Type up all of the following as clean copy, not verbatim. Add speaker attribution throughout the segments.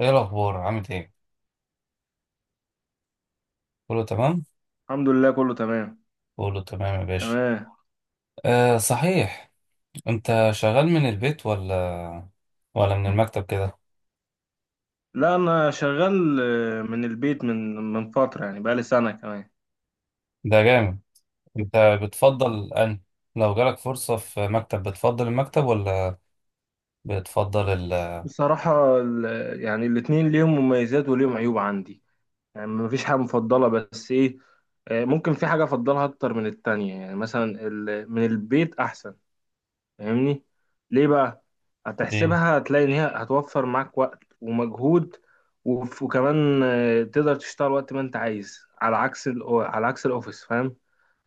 Speaker 1: ايه الاخبار، عامل ايه؟ كله تمام
Speaker 2: الحمد لله، كله تمام.
Speaker 1: كله تمام يا باشا.
Speaker 2: تمام.
Speaker 1: آه صحيح، انت شغال من البيت ولا من المكتب كده؟
Speaker 2: لا، انا شغال، من البيت، من فتره، يعني بقالي سنه كمان.
Speaker 1: ده جامد. انت بتفضل لو جالك فرصة في مكتب، بتفضل المكتب ولا بتفضل
Speaker 2: بصراحه، يعني الاتنين ليهم مميزات وليهم عيوب عندي. يعني مفيش حاجه مفضله، بس ايه، ممكن في حاجه افضلها اكتر من التانية، يعني مثلا من البيت احسن. فاهمني؟ ليه بقى؟
Speaker 1: ليه؟
Speaker 2: هتحسبها هتلاقي ان هي هتوفر معاك وقت ومجهود، وكمان تقدر تشتغل وقت ما انت عايز، على عكس على عكس الاوفيس. فاهم؟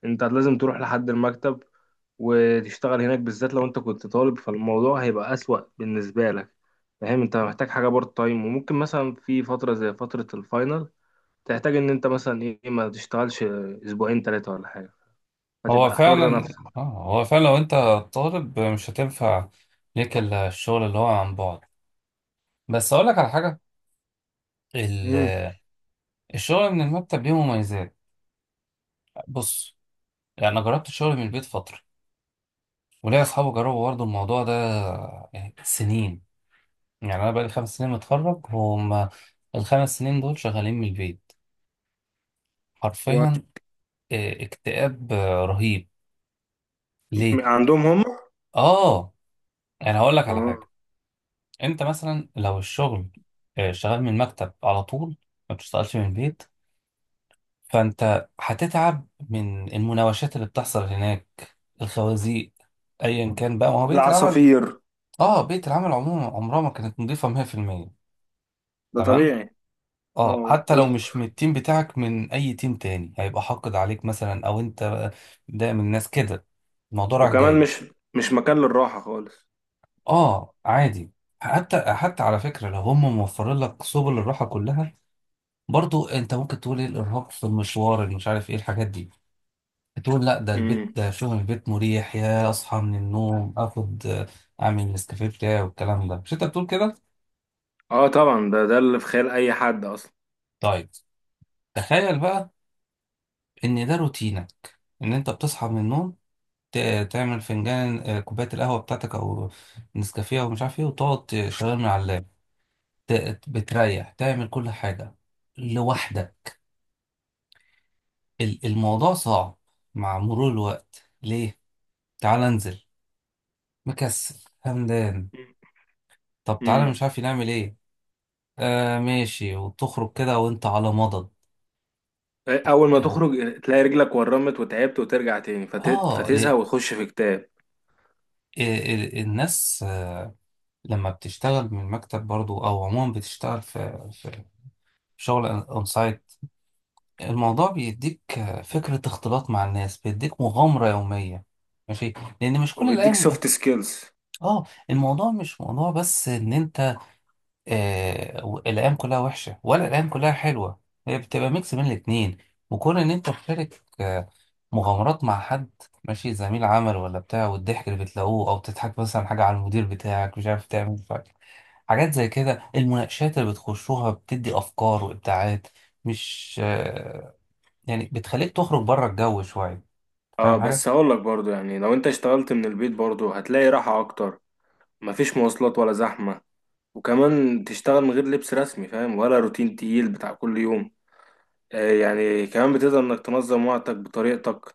Speaker 2: انت لازم تروح لحد المكتب وتشتغل هناك، بالذات لو انت كنت طالب فالموضوع هيبقى أسوأ بالنسبة لك. فاهم؟ انت محتاج حاجة بارت تايم، وممكن مثلا في فترة زي فترة الفاينل تحتاج ان انت مثلا ايه ما تشتغلش اسبوعين ثلاثة ولا حاجة،
Speaker 1: هو
Speaker 2: فتبقى حر
Speaker 1: فعلا
Speaker 2: نفسك.
Speaker 1: اه هو فعلا لو انت طالب مش هتنفع ليك الا الشغل اللي هو عن بعد. بس اقول لك على حاجة. ال-
Speaker 2: امم.
Speaker 1: الشغل من المكتب ليه مميزات. بص، يعني انا جربت الشغل من البيت فترة، وليا اصحابي جربوا برضه الموضوع ده، يعني سنين. يعني انا بقالي 5 سنين متخرج، هم الـ5 سنين دول شغالين من البيت
Speaker 2: كويس.
Speaker 1: حرفيا. اكتئاب رهيب. ليه؟
Speaker 2: عندهم هم؟
Speaker 1: اه، يعني هقول لك على
Speaker 2: اه.
Speaker 1: حاجه. انت مثلا لو الشغل شغال من المكتب على طول، ما بتشتغلش من البيت، فانت هتتعب من المناوشات اللي بتحصل هناك، الخوازيق، ايا كان بقى، ما هو بيئه العمل.
Speaker 2: العصافير.
Speaker 1: اه، بيئه العمل عموما عمرها ما كانت نظيفه 100%.
Speaker 2: ده
Speaker 1: تمام.
Speaker 2: طبيعي.
Speaker 1: اه،
Speaker 2: اه
Speaker 1: حتى لو مش من التيم بتاعك، من اي تيم تاني هيبقى حاقد عليك مثلا، او انت، ده من الناس كده، الموضوع رايح
Speaker 2: وكمان
Speaker 1: جاي.
Speaker 2: مش مكان للراحة خالص.
Speaker 1: اه عادي. حتى على فكره لو هم موفرين لك سبل الراحه كلها، برضو انت ممكن تقول ايه الارهاق في المشوار اللي مش عارف ايه الحاجات دي، تقول لا، ده البيت،
Speaker 2: امم.
Speaker 1: ده شغل البيت مريح، يا اصحى من النوم اخد اعمل النسكافيه بتاعي والكلام ده، مش انت بتقول كده؟
Speaker 2: اه طبعا، ده اللي في خيال اي حد اصلا.
Speaker 1: طيب، تخيل بقى ان ده روتينك، ان انت بتصحى من النوم، تعمل فنجان، كوباية القهوة بتاعتك أو نسكافيه أو مش عارف إيه، وتقعد تشغل من على اللاب، بتريح تعمل كل حاجة لوحدك. الموضوع صعب مع مرور الوقت. ليه؟ تعال انزل، مكسل، همدان، طب تعالى
Speaker 2: امم.
Speaker 1: مش عارف نعمل إيه. آه ماشي، وتخرج كده وأنت على مضض.
Speaker 2: اول ما تخرج تلاقي رجلك ورمت وتعبت، وترجع تاني
Speaker 1: آه
Speaker 2: فتزهق
Speaker 1: ليه؟
Speaker 2: وتخش في كتاب.
Speaker 1: الناس لما بتشتغل من المكتب برضو، أو عموما بتشتغل في شغل أون سايت، الموضوع بيديك فكرة اختلاط مع الناس، بيديك مغامرة يومية، ماشي، لأن مش كل
Speaker 2: وبيديك
Speaker 1: الأيام.
Speaker 2: سوفت سكيلز.
Speaker 1: اه، الموضوع مش موضوع بس إن أنت الأيام كلها وحشة ولا الأيام كلها حلوة، هي بتبقى ميكس بين الاتنين. وكون إن أنت تشارك مغامرات مع حد، ماشي، زميل عمل ولا بتاع، والضحك اللي بتلاقوه، أو تضحك مثلا حاجة على المدير بتاعك مش عارف تعمل حاجات زي كده، المناقشات اللي بتخشوها بتدي أفكار وإبداعات، مش آه، يعني بتخليك تخرج بره الجو شوية. فاهم
Speaker 2: اه
Speaker 1: حاجة؟
Speaker 2: بس هقول لك برضو، يعني لو انت اشتغلت من البيت برضو هتلاقي راحة اكتر. مفيش مواصلات ولا زحمة، وكمان تشتغل من غير لبس رسمي، فاهم؟ ولا روتين تقيل بتاع كل يوم. آه، يعني كمان بتقدر انك تنظم وقتك بطريقتك.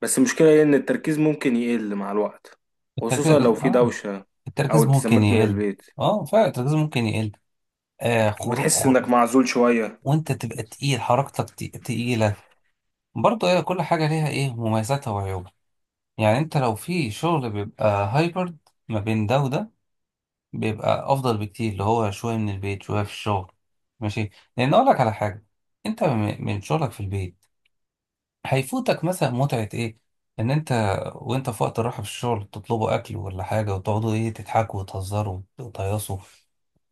Speaker 2: بس المشكلة هي ان التركيز ممكن يقل مع الوقت، خصوصا
Speaker 1: التركيز،
Speaker 2: لو في
Speaker 1: اه،
Speaker 2: دوشة او
Speaker 1: التركيز ممكن
Speaker 2: التزامات من
Speaker 1: يقل.
Speaker 2: البيت،
Speaker 1: اه فعلا، التركيز ممكن يقل. آه خرو...
Speaker 2: وبتحس
Speaker 1: خر...
Speaker 2: انك معزول شوية.
Speaker 1: وانت تبقى تقيل، حركتك تقيلة. برضه ايه، كل حاجة ليها ايه، مميزاتها وعيوبها. يعني انت لو في شغل بيبقى هايبرد، ما بين ده وده، بيبقى افضل بكتير، اللي هو شوية من البيت شوية في الشغل. ماشي. لان اقول لك على حاجة، انت من شغلك في البيت هيفوتك مثلا متعة ايه، ان انت وانت في وقت الراحة في الشغل تطلبوا اكل ولا حاجة وتقعدوا ايه تضحكوا وتهزروا وتهيصوا،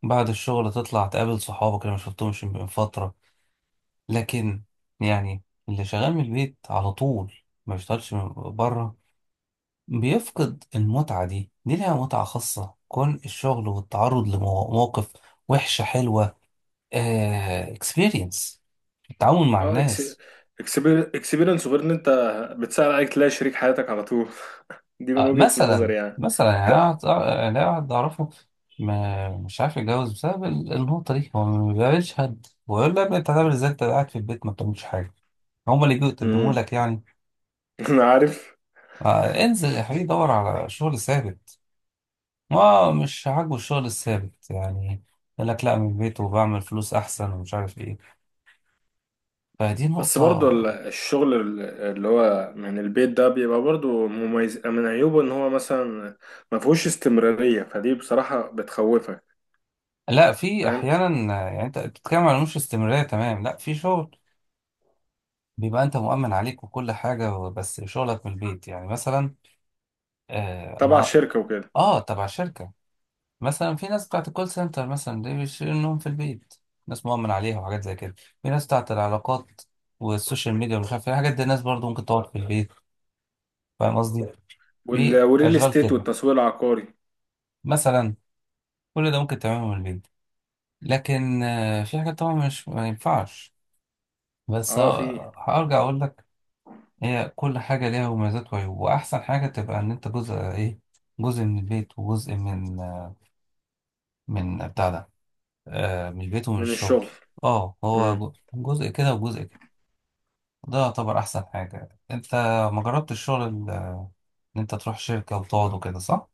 Speaker 1: بعد الشغل تطلع تقابل صحابك اللي ما شفتهمش من فترة. لكن يعني، اللي شغال من البيت على طول ما بيشتغلش من بره بيفقد المتعة دي ليها متعة خاصة، كون الشغل والتعرض لمواقف وحشة حلوة، اكسبيرينس، التعامل مع
Speaker 2: اه اكس،
Speaker 1: الناس.
Speaker 2: اكسبيرينس، غير ان انت بتسهل عليك تلاقي شريك حياتك على طول. دي من وجهة
Speaker 1: مثلا
Speaker 2: نظري يعني.
Speaker 1: مثلا يعني انا واحد، يعني أنا واحد اعرفه ما مش عارف يتجوز بسبب النقطه دي، هو ما بيقابلش حد، ويقول له يا ابني انت هتعمل ازاي انت قاعد في البيت ما بتعملش حاجه، هما اللي بيجوا يقدموا
Speaker 2: امم.
Speaker 1: لك يعني.
Speaker 2: انا عارف.
Speaker 1: انزل يا حبيبي دور على شغل ثابت. ما مش عاجبه الشغل الثابت يعني، يقول لك لا من البيت وبعمل فلوس احسن ومش عارف ايه. فدي
Speaker 2: بس برضو
Speaker 1: نقطه.
Speaker 2: الشغل اللي هو من البيت ده بيبقى برضو مميز. من عيوبه ان هو مثلا ما فيهوش استمرارية، فدي بصراحة بتخوفك.
Speaker 1: لا، في
Speaker 2: فاهم؟
Speaker 1: احيانا، يعني انت بتتكلم على مش استمراريه. تمام، لا في شغل بيبقى انت مؤمن عليك وكل حاجة، بس شغلك من البيت يعني مثلا. آه انا
Speaker 2: تبع
Speaker 1: اه
Speaker 2: شركة وكده.
Speaker 1: آه، تبع شركة. مثلا في ناس بتاعت الكول سنتر مثلا دي بيشيلوا النوم في البيت، ناس مؤمن عليها وحاجات زي كده. في ناس بتاعت العلاقات والسوشيال ميديا ومش عارف ايه الحاجات دي، الناس برضو ممكن تقعد في البيت. فاهم قصدي؟ في
Speaker 2: والريل
Speaker 1: اشغال
Speaker 2: استيت
Speaker 1: كده
Speaker 2: والتسويق العقاري.
Speaker 1: مثلا، كل ده ممكن تعمله من البيت. لكن في حاجات طبعا مش ما ينفعش. بس
Speaker 2: اه في.
Speaker 1: هرجع اقول لك، هي كل حاجة ليها مميزات وعيوب، وأحسن حاجة تبقى إن أنت جزء، إيه، جزء من البيت وجزء من بتاع ده، آه من البيت ومن
Speaker 2: من
Speaker 1: الشغل.
Speaker 2: الشغل.
Speaker 1: اه، هو جزء كده وجزء كده، ده يعتبر أحسن حاجة. أنت ما جربت الشغل إن أنت تروح شركة وتقعد وكده، صح؟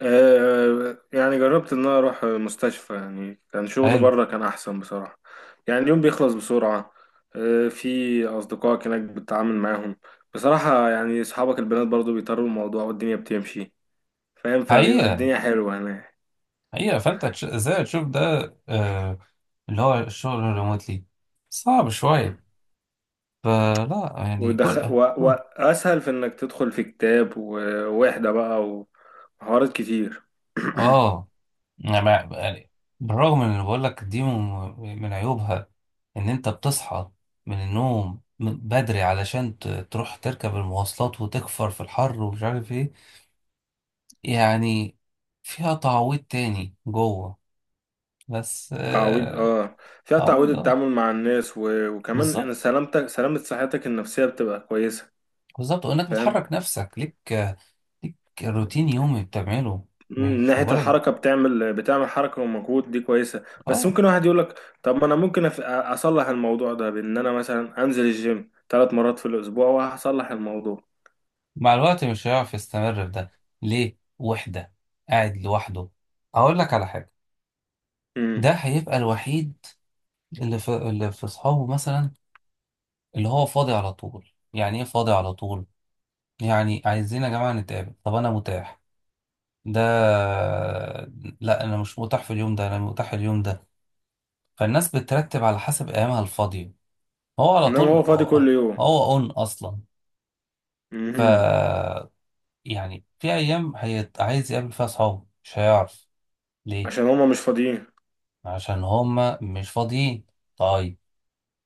Speaker 2: آه، يعني جربت ان انا اروح مستشفى، يعني كان شغل
Speaker 1: حلو.
Speaker 2: بره كان احسن بصراحة. يعني اليوم بيخلص بسرعة، آه، في اصدقائك هناك بتتعامل معاهم. بصراحة يعني اصحابك البنات برضو بيطروا الموضوع، والدنيا بتمشي، فاهم؟ فبيبقى
Speaker 1: حقيقة،
Speaker 2: الدنيا حلوة هناك.
Speaker 1: حقيقة، فأنت إزاي تشوف ده، آه، اللي هو الشغل الريموتلي صعب
Speaker 2: مم.
Speaker 1: شوية. فلا يعني، كل
Speaker 2: ودخ... و...
Speaker 1: آه
Speaker 2: واسهل في انك تدخل في كتاب ووحدة بقى وحوارات كتير.
Speaker 1: آه. أنا يعني بالرغم من اللي بقول لك، دي من عيوبها، ان انت بتصحى من النوم بدري علشان تروح تركب المواصلات وتكفر في الحر ومش عارف ايه، يعني. فيها تعويض تاني جوه. بس
Speaker 2: تعويض اه. فيها تعويض
Speaker 1: تعويض، اه،
Speaker 2: التعامل مع الناس، وكمان ان
Speaker 1: بالظبط.
Speaker 2: سلامتك سلامة صحتك النفسية بتبقى كويسة.
Speaker 1: بالظبط، وانك
Speaker 2: فاهم؟
Speaker 1: بتحرك نفسك، ليك روتين يومي بتعمله،
Speaker 2: مم، من
Speaker 1: مش
Speaker 2: ناحية
Speaker 1: مجرد.
Speaker 2: الحركة، بتعمل حركة ومجهود، دي كويسة. بس
Speaker 1: اه،
Speaker 2: ممكن واحد يقول لك: طب ما أنا ممكن أصلح الموضوع ده بإن أنا مثلا أنزل الجيم 3 مرات في الأسبوع، وهصلح الموضوع.
Speaker 1: مع الوقت مش هيعرف يستمر في ده. ليه؟ وحدة، قاعد لوحده. هقول لك على حاجة. ده
Speaker 2: مم.
Speaker 1: هيبقى الوحيد اللي في اللي في اصحابه مثلا، اللي هو فاضي على طول. يعني ايه فاضي على طول؟ يعني عايزين يا جماعة نتقابل، طب انا متاح ده، لا انا مش متاح في اليوم ده، انا متاح اليوم ده. فالناس بترتب على حسب ايامها الفاضية، هو على
Speaker 2: إنما
Speaker 1: طول،
Speaker 2: هو فاضي كل يوم.
Speaker 1: هو اون اصلا. ف،
Speaker 2: مهم.
Speaker 1: يعني في ايام عايز يقابل فيها اصحابه مش هيعرف. ليه؟
Speaker 2: عشان هما مش فاضيين.
Speaker 1: عشان هما مش فاضيين. طيب،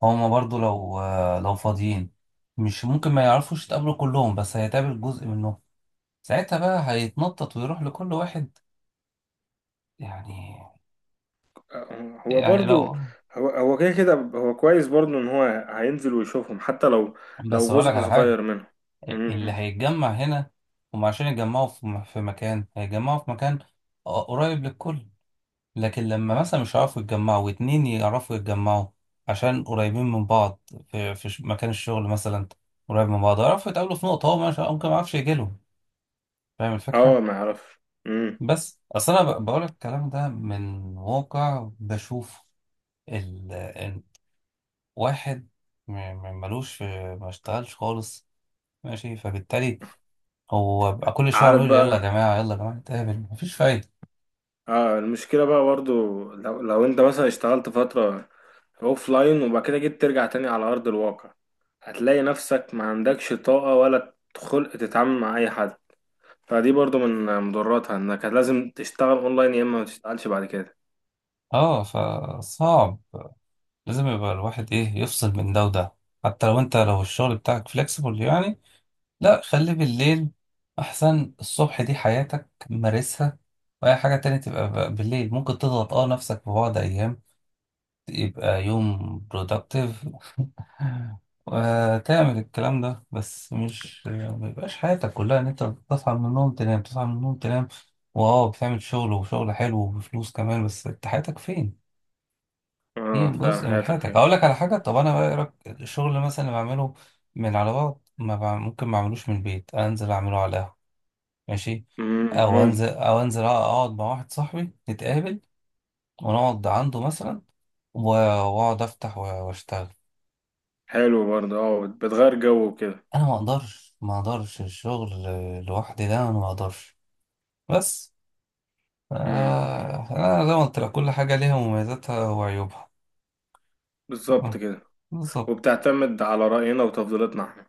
Speaker 1: هما برضو لو لو فاضيين، مش ممكن ما يعرفوش يتقابلوا كلهم، بس هيتقابل جزء منهم، ساعتها بقى هيتنطط ويروح لكل واحد. يعني
Speaker 2: هو
Speaker 1: يعني
Speaker 2: برضو.
Speaker 1: لو.
Speaker 2: هو هو كده كده، هو كويس برضو إن هو هينزل ويشوفهم حتى لو
Speaker 1: بس
Speaker 2: لو
Speaker 1: اقول لك
Speaker 2: جزء
Speaker 1: على حاجة،
Speaker 2: صغير منهم.
Speaker 1: اللي
Speaker 2: مم.
Speaker 1: هيتجمع هنا، هم عشان يتجمعوا في مكان، هيتجمعوا في مكان قريب للكل. لكن لما مثلا مش هيعرفوا يتجمعوا واتنين يعرفوا يتجمعوا عشان قريبين من بعض، مكان الشغل مثلا قريب من بعض يعرفوا يتقابلوا في نقطة، هو ممكن ما يعرفش يجيلهم. فاهم الفكرة؟
Speaker 2: اه ما يعرف. مم.
Speaker 1: بس اصل انا بقول الكلام ده من واقع بشوف ال... ال- واحد ملوش في، ما اشتغلش خالص، ماشي، فبالتالي هو بقى كل شويه
Speaker 2: عارف
Speaker 1: عمال يقول يلا يا
Speaker 2: بقى.
Speaker 1: جماعه يلا يا جماعه نتقابل، مفيش فايده.
Speaker 2: اه، المشكلة بقى برضو، لو انت مثلا اشتغلت فترة اوف لاين وبعد كده جيت ترجع تاني على ارض الواقع، هتلاقي نفسك ما عندكش طاقة ولا خلق تتعامل مع اي حد. فدي برضو من مضراتها، انك لازم تشتغل اونلاين، يا اما ما تشتغلش بعد كده.
Speaker 1: اه، فصعب. لازم يبقى الواحد، ايه، يفصل من ده وده. حتى لو انت لو الشغل بتاعك فليكسيبل يعني، لا خليه بالليل، احسن الصبح دي حياتك مارسها، واي حاجه تانية تبقى بالليل، ممكن تضغط اه نفسك في بعض ايام يبقى يوم productive وتعمل الكلام ده. بس مش ما يبقاش حياتك كلها ان انت بتصحى من النوم تنام، تصحى من النوم تنام، واو بتعمل شغل، وشغل حلو وبفلوس كمان، بس انت حياتك فين؟ دي
Speaker 2: اه فعلا،
Speaker 1: جزء من
Speaker 2: حياتك
Speaker 1: حياتك.
Speaker 2: فيه.
Speaker 1: اقول لك على حاجه، طب انا بقى، إيه رأيك، الشغل مثلا اللي بعمله من على بعض ما بع- ممكن ما اعملوش من البيت، انزل اعمله على القهوه، ماشي،
Speaker 2: مم، ممكن.
Speaker 1: او انزل اقعد مع واحد صاحبي نتقابل ونقعد عنده مثلا، واقعد افتح واشتغل.
Speaker 2: حلو برضو، اه، بتغير جو وكده.
Speaker 1: انا ما اقدرش، ما اقدرش الشغل لوحدي ده، انا ما اقدرش. بس
Speaker 2: مم،
Speaker 1: آه، انا زي ما قلت لك، كل حاجه ليها مميزاتها وعيوبها،
Speaker 2: بالظبط
Speaker 1: آه،
Speaker 2: كده.
Speaker 1: بالظبط.
Speaker 2: وبتعتمد على رأينا وتفضيلاتنا احنا.